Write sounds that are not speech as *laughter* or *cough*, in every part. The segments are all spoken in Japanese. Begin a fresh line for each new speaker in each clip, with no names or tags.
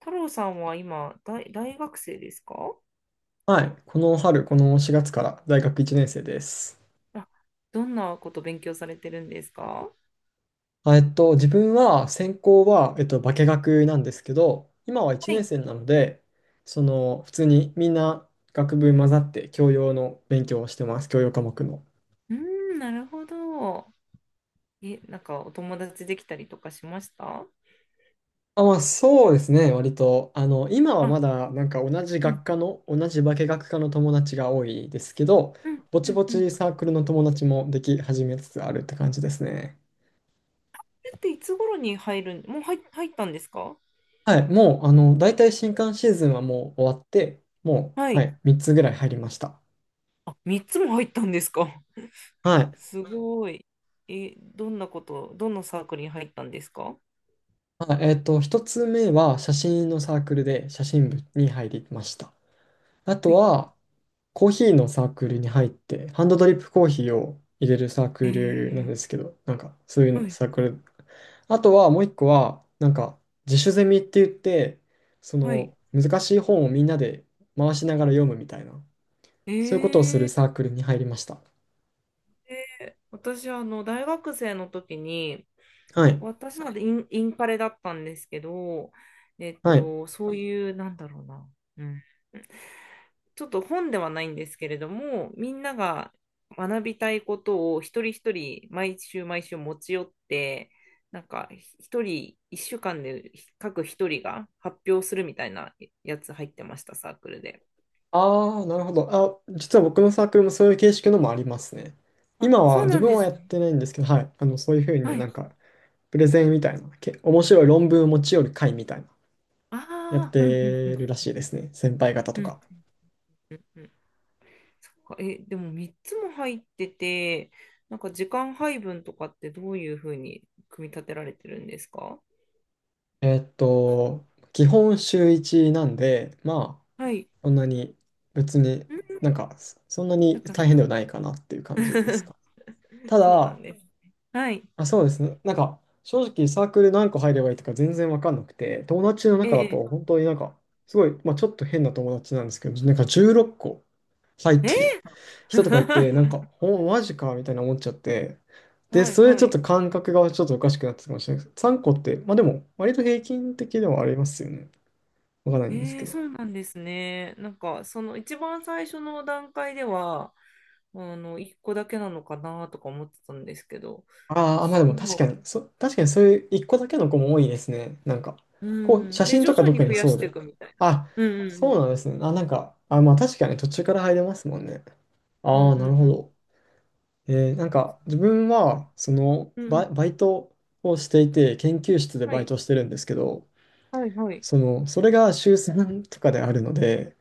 太郎さんは今、大学生ですか？
はい。この春、この4月から大学1年生です。
あ、どんなこと勉強されてるんですか？
自分は、専攻は、化学なんですけど、今は1
は
年
い。
生なので、その、普通にみんな学部混ざって教養の勉強をしてます。教養科目の。
うーん、なるほど。え、なんかお友達できたりとかしました？
あ、まあ、そうですね。割と、今は
あ、
まだ、なんか同じ
う
学
ん、
科の、同じ化学科の友達が多いですけど、
うん、
ぼ
う
ち
ん、
ぼ
うん。
ち
そ
サークルの友達もでき始めつつあるって感じですね。
れっていつ頃に入るん、もう入ったんですか？
はい、もう、大体新刊シーズンはもう終わって、も
は
う、は
い。
い、3つぐらい入りました。
あ、3つも入ったんですか？
は
*laughs*
い。
すごい。え、どんなこと、どのサークルに入ったんですか？は
1つ目は写真のサークルで写真部に入りました。あと
い。
は、コーヒーのサークルに入って、ハンドドリップコーヒーを入れるサー
え
クルなんで
ー、
すけど、なんか、そうい
は
う
い、
サークル。あとは、もう一個は、なんか、自主ゼミって言って、そ
はい。
の、難しい本をみんなで回しながら読むみたいな、
え
そういうことを
ー、
するサークルに入りました。
私、大学生の時に、
はい。
私なんてインカレだったんですけど、
はい。
そういう、なんだろうな、うん、ちょっと本ではないんですけれども、みんなが学びたいことを一人一人、毎週毎週持ち寄って、なんか、一人、一週間で各一人が発表するみたいなやつ入ってました、サークルで。
ああ、なるほど。あ、実は僕のサークルもそういう形式のもありますね。
あ、
今
そ
は
う
自
なん
分
で
はや
すね。
ってないんですけど、はい。そういうふうに
は
な
い。
んか、プレゼンみたいな、面白い論文を持ち寄る会みたいな、やっ
ああ、うんうんう
て
ん。
るらしいですね。先輩方とか。
うん、そっかえ、でも3つも入ってて、なんか時間配分とかってどういうふうに組み立てられてるんですか？
えーっと、基本週一なんで、まあ、
はい。
そんなに別に
う
なん
ん、
か、そんな
そっ
に
かそっ
大変で
か。
はないかなっていう感じです
*laughs*
か。た
そうなん
だ、
です。はい。
あ、そうですね。なんか、正直サークル何個入ればいいとか全然わかんなくて、友達の
え
中だ
え。
と本当になんか、すごい、まあちょっと変な友達なんですけど、なんか16個入っ
え
てる人とかいて、なん
ー
か、マジかみたいな思っちゃって、
*laughs*
で、
はい
それち
は
ょっ
い。
と感覚がちょっとおかしくなってたかもしれないです。3個って、まあでも、割と平均的ではありますよね。わかんないんですけど。
そうなんですね。なんか、その一番最初の段階では、1個だけなのかなとか思ってたんですけど、
ああ、まあでも確
今、
かに、確かにそういう一個だけの子も多いですね。なんか、
う
こう、写
ん。で、
真
徐
とか
々に
特
増
に
や
そ
し
う
てい
で。
くみたいな。
あ、
うんうんう
そ
ん。
うなんですね。あ、なんか、あ、まあ確かに途中から入れますもんね。
うんう
ああ、なるほ
ん
ど。
そ
なん
うです
か、自
ね。
分
うん
は、その、
うんうん
バイトをしていて、研究室で
は
バイ
い、
トしてるんですけど、
はい、はい、
その、それが週3とかであるので、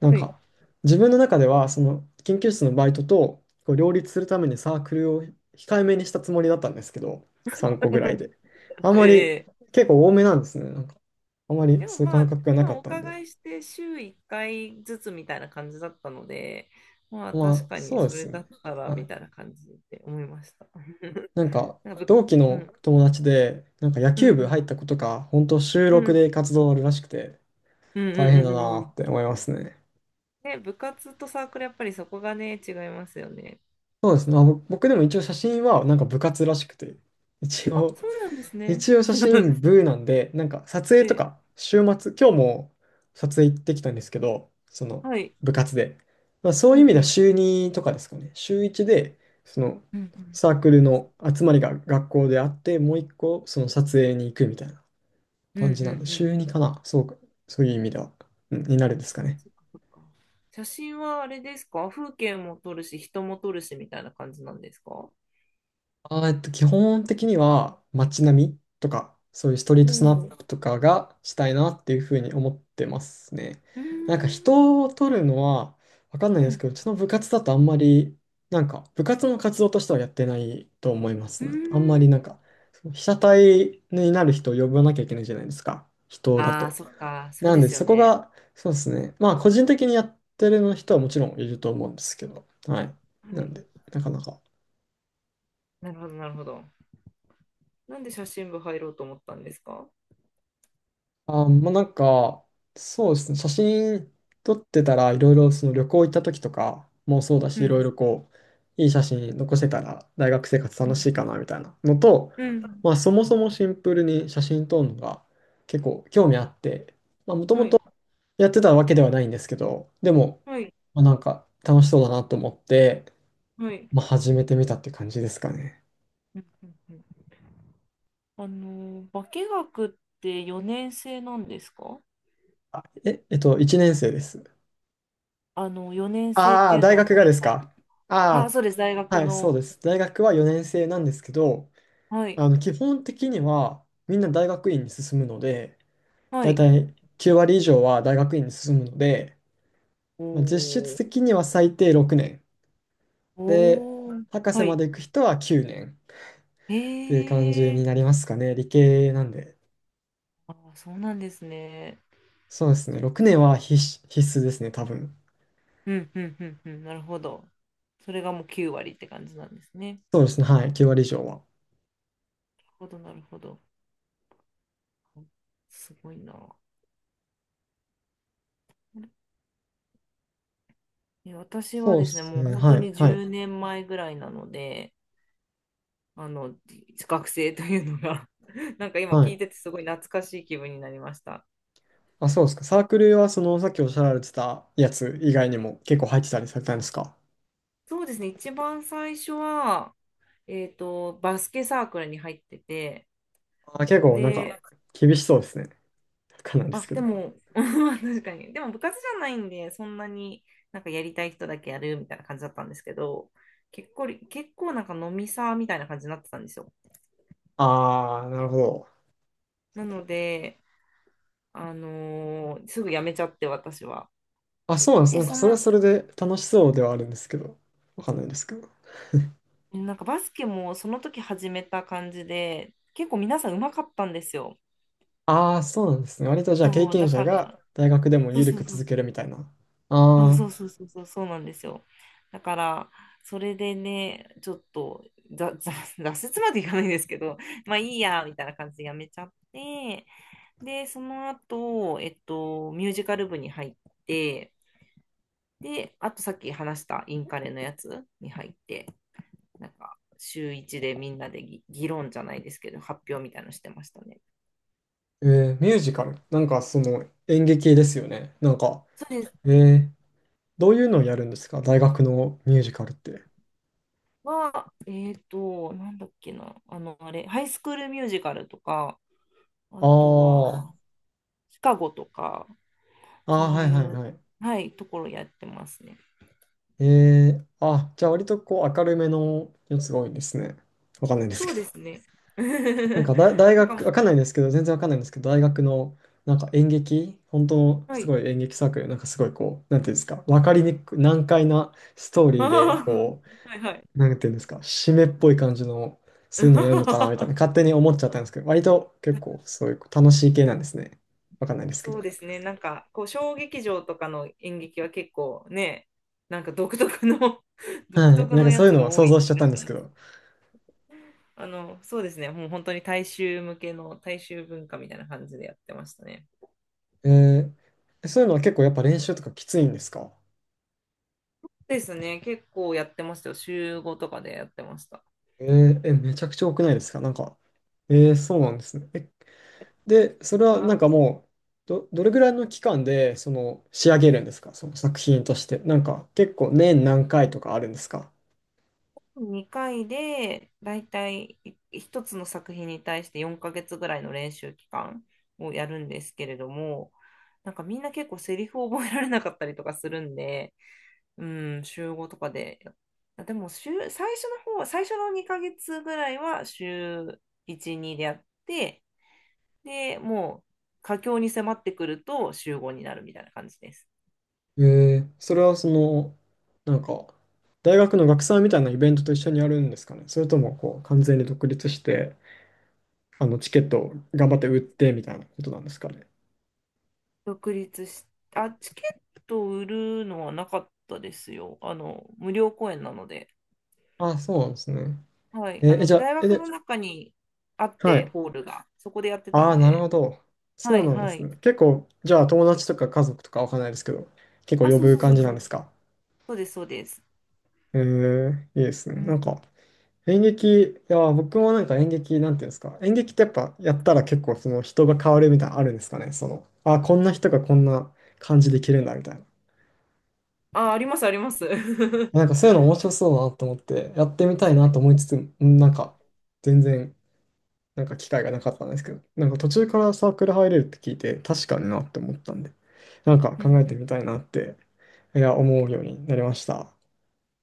なん
はい。
か、自分の中では、その研究室のバイトとこう両立するためにサークルを控えめにしたつもりだったんですけど、3個ぐらいで。あんまり、
*laughs* ええ、
結構多めなんですね。なんか、あんまり
でも
そういう
ま
感
あ、
覚がなか
今
っ
お
たんで。
伺いして週1回ずつみたいな感じだったので、まあ
ま
確
あ、
かに
そうで
そ
す
れ
よ
だ
ね。
ったら
は
み
い。
たいな感じで思いました。*laughs*
なんか、
なんか
同期
う
の
ん、
友達で、なんか野
う
球部
ん、
入った子とか、本当週
うん、
録
うん、
で活動あるらしくて、
うん、
大
うん、
変
う
だ
んう
なっ
ん。
て思いますね。
ね、部活とサークルやっぱりそこがね、違いますよね。
そうですね。まあ僕でも一応写真はなんか部活らしくて、一
あ、
応
そうなんですね。
一応写真
*laughs*
部なんで、なんか撮影
え
と
え、
か、週末、今日も撮影行ってきたんですけど、その
はい。
部活で。まあそう
う
いう
ん、
意
う
味では
ん、
週2とかですかね。週1で、その
うん、うん、
サークルの集まりが学校であって、もう一個その撮影に行くみたいな
うん、う
感じなんで、
ん、うん、
週2かな。そうか、そういう意味では、うんになるんですかね。
そっかそっか。写真はあれですか？風景も撮るし、人も撮るしみたいな感じなんですか？
基本的には街並みとか、そういうストリー
う
トス
ん
ナッ
う
プとかがしたいなっていうふうに思ってますね。
ーん。
なんか人を撮るのはわかんない
う
です
ん
けど、うちの部活だとあんまり、なんか部活の活動としてはやってないと思いま
う
す
ー
ね。あんま
ん。
りなんか、被写体になる人を呼ばなきゃいけないじゃないですか。人だ
ああ、
と。
そっか。そう
な
で
んで
すよ
そこ
ね。
が、そうですね。まあ個人的にやってる人はもちろんいると思うんですけど、はい。
は
なん
い。
で、なかなか。
なるほど、なるほど。なんで写真部入ろうと思ったんですか？
あ、まあ、なんか、そうですね、写真撮ってたら、いろいろその旅行行った時とかもそうだし、
う
いろい
ん
ろこう、いい写真残せたら、大学生活
う
楽
ん
しいかなみたいなのと、
うん
まあ、そもそもシンプルに写真撮るのが結構興味あって、まあ、もとも
は
と
い、
やってたわけではないんですけど、でも、
はい、
まあ、なんか楽しそうだなと思って、
はい。
まあ、始めてみたって感じですかね。
うんうんうん。化学って4年生なんですか？
え、1年生です。
4年生っ
あ
て
あ、
いう
大
のは
学
ご
が
めん
で
な
す
さい。
か。
あ、
あ
そうです、大
あ。
学
はい、そう
の。
です。大学は4年生なんですけど、
はい、
基本的にはみんな大学院に進むので、
は
だい
い。
たい9割以上は大学院に進むので、まあ、実質
お
的には最低6年。で、
おー、
博士
は
ま
い。
で行く人は9年っ
へ
ていう感じに
え、
なりますかね。理系なんで。
ああ、そうなんですね。
そうですね。6年は必須、必須ですね、多分。
うん、うん、うん、うん、なるほど。それがもう9割って感じなんですね。
そうですね。はい。9割以上は。
なるほど、なるほど。すごいな。え、私は
そうで
ですね、
す
もう
ね。
本当
はい。
に
はい。
10年前ぐらいなので、あの、学生というのが *laughs* なんか今
は
聞
い。
いててすごい懐かしい気分になりました。
あ、そうですか。サークルはそのさっきおっしゃられてたやつ以外にも結構入ってたりされたんですか？
そうですね、一番最初は、バスケサークルに入ってて、
あ、結構なんか
で、
厳しそうですね。わかんないんです
あ、
け
で
ど。
も、*laughs* 確かに。でも部活じゃないんで、そんなになんかやりたい人だけやるみたいな感じだったんですけど、結構なんか飲みサーみたいな感じになってたんですよ。
ああ、なるほど。
なので、すぐ辞めちゃって、私は。
あ、そうなんです。
で、
なんか
そん
それは
な、
それで楽しそうではあるんですけど、わかんないんですけど。
なんかバスケもその時始めた感じで、結構皆さん上手かったんですよ。
ああ、そうなんですね。割とじゃあ経
そう、
験
だ
者
か
が
ら、
大学でも
そう
緩
そう
く
そう
続けるみたいな。
そう
ああ、
そうそうそうそうそうなんですよ。だからそれでねちょっとざざ *laughs* 挫折までいかないんですけど、 *laughs* まあいいやみたいな感じでやめちゃって、でその後、ミュージカル部に入って、であとさっき話したインカレのやつに入って、なんか週一でみんなで議論じゃないですけど発表みたいなのしてましたね。
えミュージカル。なんかその演劇ですよね。なんか、
それ
えーどういうのをやるんですか大学のミュージカルって？
はなんだっけな、あれ、ハイスクールミュージカルとか、あ
あ
と
あ、
は、シカゴとか、
あ
そ
あ、
う
は
い
いはい
う、
はい。
はい、ところやってますね。
あ、じゃあ割とこう明るめのやつが多いんですね。わかんないんです
そ
け
う
ど。
ですね。
なんか
*laughs*
大
なんかも
学、
う、
わかんないんですけど、全然わかんないんですけど、大学のなんか演劇、本当の
は
す
い。
ご
*laughs*
い演劇サークル、なんかすごいこう、なんていうんですか、わかりにくい、難解なストーリーで、
あ
こ
ーはいは
う、なんていうんですか、締めっぽい感じの、そういう
い。
のやるのかなみたいな、
*laughs*
勝手に思っちゃったんですけど、割と結構そういう楽しい系なんですね。わかんないですけ
そ
ど。
うですね。なんか、こう、小劇場とかの演劇は結構ね、なんか独特の *laughs* 独
はい、
特
なん
の
かそ
や
ういう
つ
の
が
は
多
想
い
像しちゃ
気
っ
が
たん
し
です
ま
け
す。
ど、
そうですね。もう本当に大衆向けの大衆文化みたいな感じでやってましたね。
えーそういうのは結構やっぱ練習とかきついんですか？
ですね。結構やってましたよ。週合とかでやってました。
えーえ、めちゃくちゃ多くないですかなんか？そうなんですね。で、そ
や
れ
っぱ
は
な
な
ん
んかもう、どれぐらいの期間でその仕上げるんですかその作品として。なんか結構年何回とかあるんですか？
2回で、だいたい1つの作品に対して4ヶ月ぐらいの練習期間をやるんですけれども、なんかみんな結構セリフを覚えられなかったりとかするんで、うん、週5とかで、あでも週、最初の方、最初の2ヶ月ぐらいは週1、2でやって、で、もう佳境に迫ってくると週5になるみたいな感じです。
えそれはその、なんか、大学の学祭みたいなイベントと一緒にやるんですかね、それともこう完全に独立して、あのチケットを頑張って売ってみたいなことなんですかね？
独立し、あ、チケットを売るのはなかったですよ。無料公演なので。
あ、そうなんですね。
はい。
じゃあ、
大学
で、
の中にあっ
は
て、
い。
ホールが。そこでやってた
ああ、
ん
なるほ
で。
ど。
は
そう
い、
なんで
は
す
い。
ね。結構、じゃあ友達とか家族とかわかんないですけど、結構
あ、
呼
そう
ぶ
そうそ
感
う
じな
そ
んです
う。
か？
そうです、そうです。
いいですね。
う
な
ん。
んか、演劇、いや、僕もなんか演劇、なんていうんですか、演劇ってやっぱやったら結構その人が変わるみたいなのあるんですかね。その、あ、こんな人がこんな感じできるんだみたいな。
あ、あります、あります。*laughs* 確
なんかそういうの面白そうだなと思って、やってみたい
か
なと
に。
思いつつ、なんか、全然、なんか機会がなかったんですけど、なんか途中からサークル入れるって聞いて、確かになって思ったんで、なんか
う
考えて
ん
みたいなって、いや、思うようになりました。